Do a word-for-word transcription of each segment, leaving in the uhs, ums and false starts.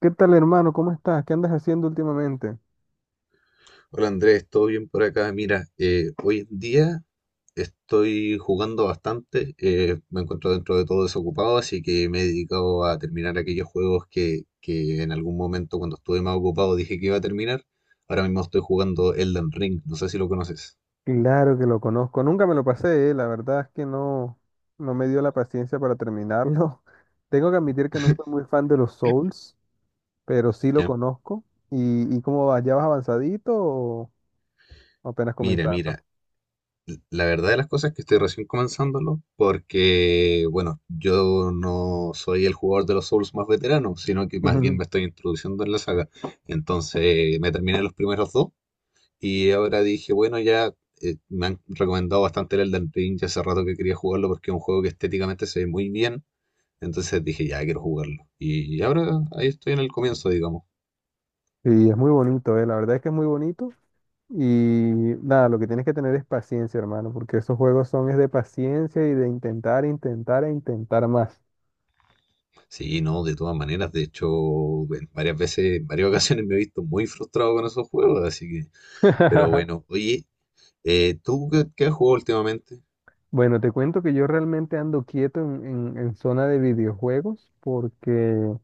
¿Qué tal, hermano? ¿Cómo estás? ¿Qué andas haciendo últimamente? Hola Andrés, ¿todo bien por acá? Mira, eh, hoy en día estoy jugando bastante, eh, me encuentro dentro de todo desocupado, así que me he dedicado a terminar aquellos juegos que, que en algún momento cuando estuve más ocupado dije que iba a terminar. Ahora mismo estoy jugando Elden Ring, no sé si lo conoces. Claro que lo conozco. Nunca me lo pasé, eh. La verdad es que no, no me dio la paciencia para terminarlo. Tengo que admitir que no soy muy fan de los Souls, pero sí lo ¿Ya? conozco. ¿Y, y cómo vas? ¿Ya vas avanzadito o apenas Mira, comenzando? mira, la verdad de las cosas es que estoy recién comenzándolo porque, bueno, yo no soy el jugador de los Souls más veterano, sino que más bien me estoy introduciendo en la saga. Entonces me terminé los primeros dos y ahora dije, bueno, ya, eh, me han recomendado bastante el Elden Ring, ya hace rato que quería jugarlo porque es un juego que estéticamente se ve muy bien. Entonces dije, ya quiero jugarlo. Y ahora ahí estoy en el comienzo, digamos. Sí, es muy bonito, eh. La verdad es que es muy bonito. Y nada, lo que tienes que tener es paciencia, hermano, porque esos juegos son es de paciencia y de intentar, intentar e intentar más. Sí, no, de todas maneras, de hecho, en varias veces, en varias ocasiones me he visto muy frustrado con esos juegos, así que... Pero bueno, oye, eh, ¿tú qué, qué has jugado últimamente? Bueno, te cuento que yo realmente ando quieto en, en- en zona de videojuegos porque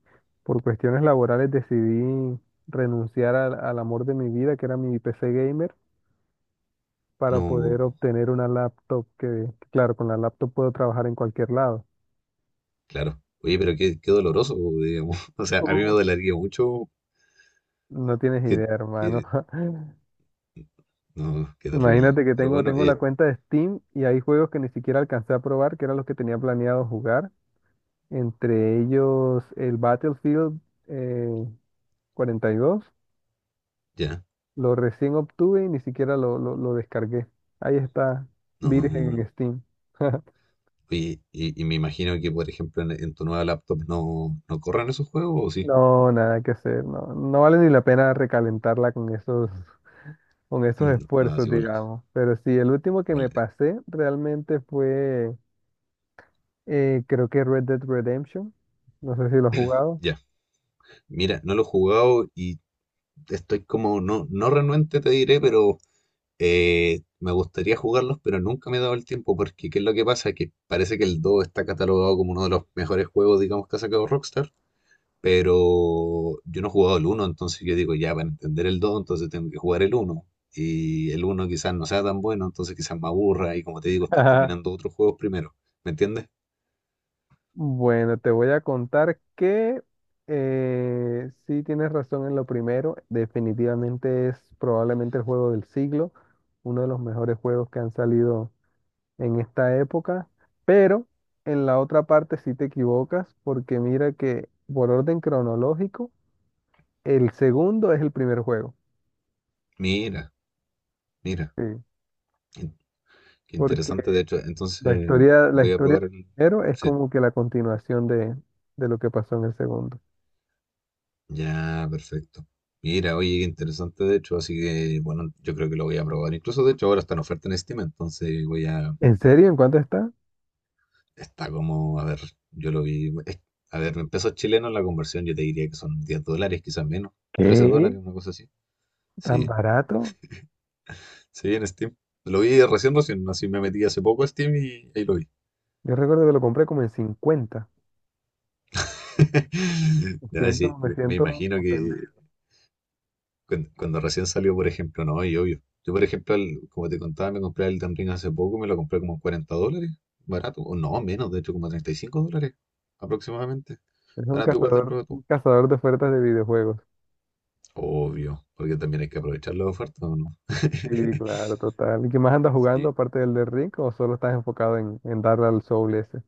por cuestiones laborales decidí renunciar al, al amor de mi vida, que era mi P C gamer, para poder No, obtener una laptop que, claro, con la laptop puedo trabajar en cualquier lado. claro. Oye, pero qué, qué doloroso, digamos. O sea, a mí me Uf. dolería mucho No tienes que, idea, hermano. que- no, qué terrible. Imagínate que Pero tengo, bueno, tengo la eh, cuenta de Steam y hay juegos que ni siquiera alcancé a probar, que eran los que tenía planeado jugar. Entre ellos el Battlefield eh, cuarenta y dos. ya, Lo recién obtuve y ni siquiera lo, lo, lo descargué. Ahí está, virgen no. en Steam. Oye, y, y me imagino que, por ejemplo, en, en tu nueva laptop no, no corran esos juegos, ¿o sí? No, nada que hacer, no, no vale ni la pena recalentarla con esos, con esos Mm, no, es esfuerzos, igual, digamos. Pero sí, el último que igual. me eh, pasé realmente fue, eh, creo que Red Dead Redemption. No sé si lo has jugado. Ya. Mira, no lo he jugado y estoy como, no, no renuente te diré, pero Eh, me gustaría jugarlos, pero nunca me he dado el tiempo porque ¿qué es lo que pasa? Que parece que el dos está catalogado como uno de los mejores juegos, digamos, que ha sacado Rockstar, pero yo no he jugado el uno, entonces yo digo, ya, para entender el dos entonces tengo que jugar el uno. Y el uno quizás no sea tan bueno, entonces quizás me aburra y como te digo, estoy terminando otros juegos primero, ¿me entiendes? Bueno, te voy a contar que eh, sí tienes razón en lo primero. Definitivamente es probablemente el juego del siglo, uno de los mejores juegos que han salido en esta época. Pero en la otra parte sí te equivocas porque mira que por orden cronológico, el segundo es el primer juego. Mira, mira, Sí, in- qué porque interesante de hecho, entonces la historia, la voy a historia del probar el... primero es Sí. como que la continuación de, de lo que pasó en el segundo. Ya, perfecto. Mira, oye, qué interesante de hecho, así que bueno, yo creo que lo voy a probar. Incluso de hecho ahora está en oferta en Steam, entonces voy a... ¿En serio? ¿En cuánto está? Está como, a ver, yo lo vi... es- a ver, en pesos chilenos la conversión yo te diría que son diez dólares, quizás menos. trece ¿Qué? dólares, una cosa así. ¿Tan Sí, barato? sí, en Steam. Lo vi recién, recién, así me metí hace poco a Steam y ahí lo vi. Yo recuerdo que lo compré como en cincuenta. Me Ya, siento, sí, me me me siento imagino ofendido. que cuando, cuando recién salió, por ejemplo, no, y obvio. Yo, por ejemplo, el- como te contaba, me compré el Elden Ring hace poco, me lo compré como en cuarenta dólares, barato, o no, menos, de hecho, como treinta y cinco dólares aproximadamente. Es un Barato igual del cazador, juego un tú. cazador de ofertas de videojuegos. Obvio, porque también hay que aprovechar la oferta, ¿o no? Sí, claro, total. ¿Y qué más andas jugando Sí. aparte del de Ring o solo estás enfocado en, en darle al Soul ese?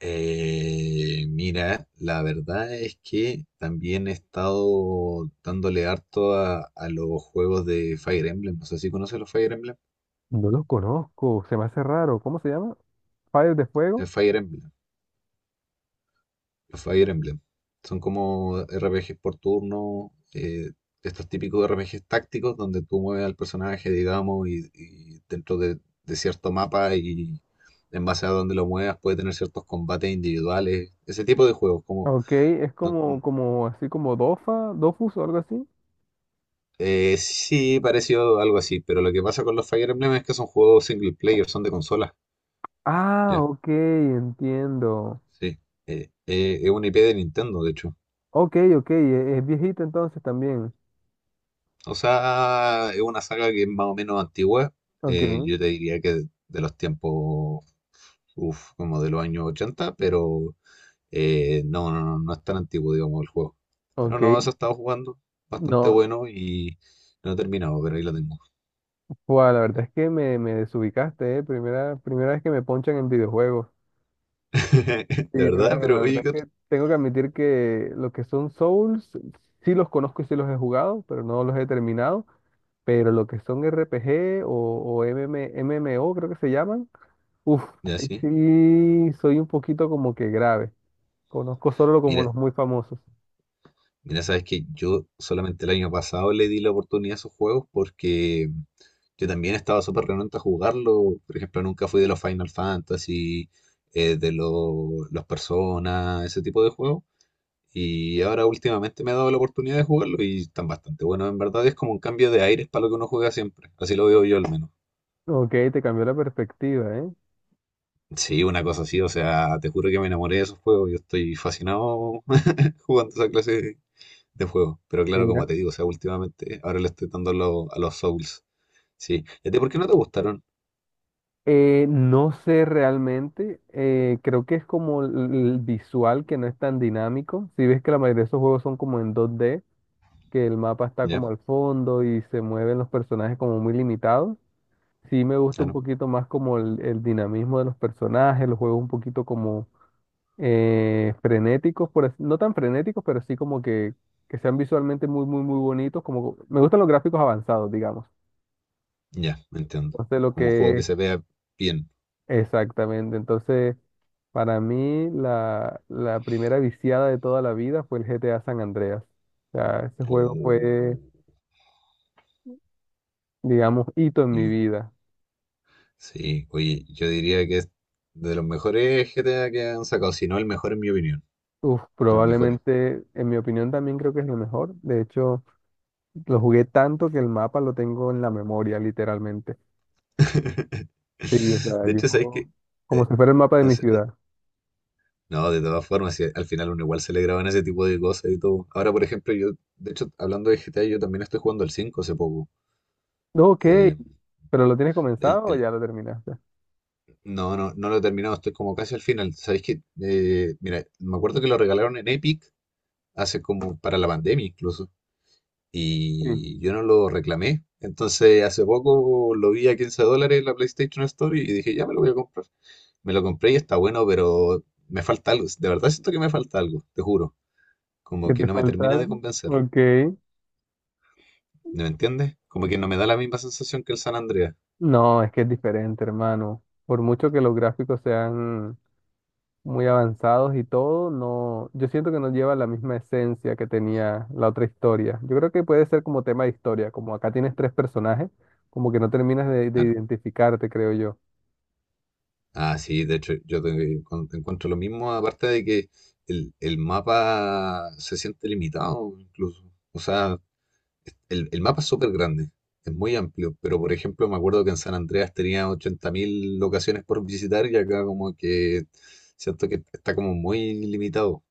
Eh, mira, la verdad es que también he estado dándole harto a, a los juegos de Fire Emblem. No sé si conoces los Fire Emblem. No lo conozco, se me hace raro. ¿Cómo se llama? ¿Fire de El Fuego? Fire Emblem. Los Fire Emblem. Son como R P Gs por turno, eh, estos típicos R P Gs tácticos donde tú mueves al personaje, digamos, y, y dentro de, de cierto mapa y en base a donde lo muevas puede tener ciertos combates individuales. Ese tipo de juegos, como... Ok, es no- como, n- como, así como Dofa, Dofus o algo así. eh, sí, pareció algo así, pero lo que pasa con los Fire Emblem es que son juegos single player, son de consolas, Ah, ¿ya? ok, entiendo. Sí. Eh, eh, es una I P de Nintendo, de hecho. Ok, ok, e- es, viejito entonces también. O sea, es una saga que es más o menos antigua. Ok, eh, yo te diría que de, de los tiempos, uf, como de los años ochenta, pero eh, no, no, no, no es tan antiguo, digamos, el juego. Pero no, eso ok. he estado jugando, bastante No, bueno y no he terminado, pero ahí lo tengo. Buah, la verdad es que me, me desubicaste, ¿eh? Primera, primera vez que me ponchan en videojuegos. De Sí, pero verdad, bueno, la pero oye, verdad ¿qué es ot- que tengo que admitir que lo que son Souls, sí los conozco y sí los he jugado, pero no los he terminado. Pero lo que son R P G o, o m m m M o creo que se llaman, uff, ya sí. sí soy un poquito como que grave. Conozco solo como Mira, los muy famosos. mira, sabes que yo solamente el año pasado le di la oportunidad a esos juegos porque yo también estaba súper renuente a jugarlo. Por ejemplo, nunca fui de los Final Fantasy, eh, de lo- los Persona, ese tipo de juegos. Y ahora últimamente me ha dado la oportunidad de jugarlo y están bastante buenos. En verdad es como un cambio de aires para lo que uno juega siempre. Así lo veo yo al menos. Ok, te cambió la perspectiva, ¿eh? Sí, una cosa así. O sea, te juro que me enamoré de esos juegos. Yo estoy fascinado jugando esa clase de juego. Pero claro, Mira. como te digo, o sea, últimamente ahora le estoy dando lo- a los Souls. Sí. ¿Y a ti por qué no te gustaron? Eh, no sé realmente, eh, creo que es como el el visual que no es tan dinámico. Si ves que la mayoría de esos juegos son como en dos D, que el mapa está Ya, como al fondo y se mueven los personajes como muy limitados. Sí me gusta un claro. poquito más como el, el dinamismo de los personajes, los juegos un poquito como eh, frenéticos, por así- no tan frenéticos, pero sí como que, que sean visualmente muy, muy, muy bonitos. Como, me gustan los gráficos avanzados, digamos. Ya, entiendo. Entonces lo Como un juego que... que se vea bien. Exactamente. Entonces, para mí, la, la primera viciada de toda la vida fue el G T A San Andreas. O sea, ese juego fue, Oh, digamos, hito en mi oye, vida. sí, oye, yo diría que es de los mejores G T A que han sacado, si no el mejor en mi opinión. Uf, De los mejores. probablemente, en mi opinión, también creo que es lo mejor. De hecho, lo jugué tanto que el mapa lo tengo en la memoria, literalmente. Sí, o sea, De hecho, ¿sabes yo, qué? como Eh, si fuera el mapa de mi hace- eh, ciudad. no, de todas formas, sí, al final uno igual se le graban ese tipo de cosas y todo. Ahora, por ejemplo, yo, de hecho, hablando de G T A, yo también estoy jugando el cinco hace poco. No, ok, Eh, pero ¿lo tienes El, comenzado o el- ya lo terminaste? no, no, no lo he terminado, estoy como casi al final. ¿Sabéis qué? Eh, mira, me acuerdo que lo regalaron en Epic hace como para la pandemia incluso. Sí. Y yo no lo reclamé. Entonces hace poco lo vi a quince dólares en la PlayStation Store y dije, ya me lo voy a comprar. Me lo compré y está bueno, pero me falta algo. De verdad siento que me falta algo, te juro. Como ¿Que que te no me falta termina de algo? convencer. Ok. ¿Me entiendes? Como que no me da la misma sensación que el San Andreas. No, es que es diferente, hermano. Por mucho que los gráficos sean muy avanzados y todo, no, yo siento que no lleva la misma esencia que tenía la otra historia. Yo creo que puede ser como tema de historia, como acá tienes tres personajes, como que no terminas de, de Claro. identificarte, creo yo. Ah, sí, de hecho, yo te, con- te encuentro lo mismo, aparte de que el, el mapa se siente limitado incluso. O sea, el, el mapa es súper grande, es muy amplio, pero por ejemplo me acuerdo que en San Andreas tenía ochenta mil locaciones por visitar y acá como que siento que está como muy limitado,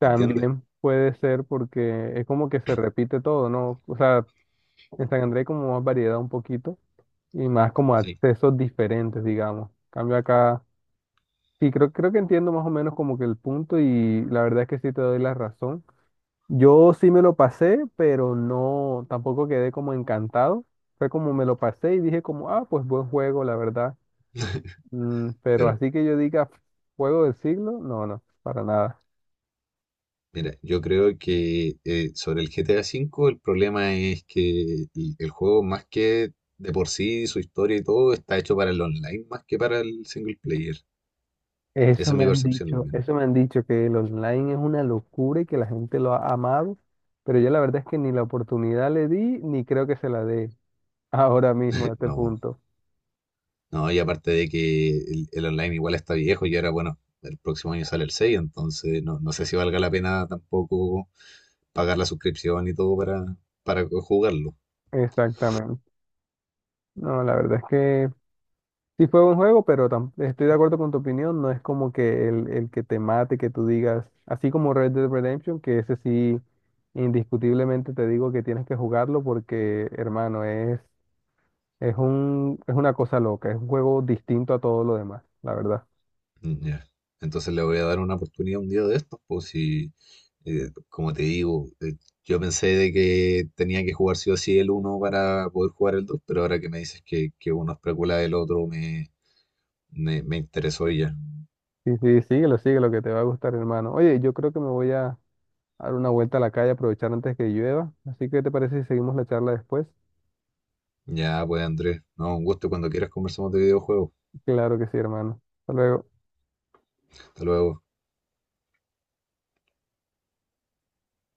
¿me entiendes? puede ser porque es como que se repite todo, ¿no? O sea, en San Andrés hay como más variedad un poquito y más como Sí, accesos diferentes, digamos. Cambio acá. Sí, creo, creo que entiendo más o menos como que el punto y la verdad es que sí te doy la razón. Yo sí me lo pasé, pero no, tampoco quedé como encantado. Fue como me lo pasé y dije como, ah, pues buen juego, la verdad. Mm, pero claro. así que yo diga, juego del siglo, no, no, para nada. Mira, yo creo que eh, sobre el G T A cinco el problema es que el, el juego más que de por sí, su historia y todo, está hecho para el online más que para el single player. Eso Esa es me mi han percepción al dicho, menos. eso me han dicho que el online es una locura y que la gente lo ha amado, pero yo la verdad es que ni la oportunidad le di, ni creo que se la dé ahora mismo a este No, punto. no, y aparte de que el, el online igual está viejo y ahora, bueno, el próximo año sale el seis, entonces no, no sé si valga la pena tampoco pagar la suscripción y todo para, para jugarlo. Exactamente. No, la verdad es que sí fue buen juego, pero tam- estoy de acuerdo con tu opinión, no es como que el, el que te mate, que tú digas, así como Red Dead Redemption, que ese sí, indiscutiblemente te digo que tienes que jugarlo porque, hermano, es, es un, es una cosa loca, es un juego distinto a todo lo demás, la verdad. Mm, ya. Entonces le voy a dar una oportunidad un día de estos, pues si, eh, como te digo, eh, yo pensé de que tenía que jugar sí o sí el uno para poder jugar el dos pero ahora que me dices que, que uno es precuela del otro, me, me, me interesó y ya. Sí, sí, síguelo, síguelo, que te va a gustar, hermano. Oye, yo creo que me voy a dar una vuelta a la calle, aprovechar antes que llueva, así que ¿te parece si seguimos la charla después? Ya, pues Andrés, no, un gusto cuando quieras conversamos de videojuegos. Claro que sí, hermano. Hasta luego. Hasta luego.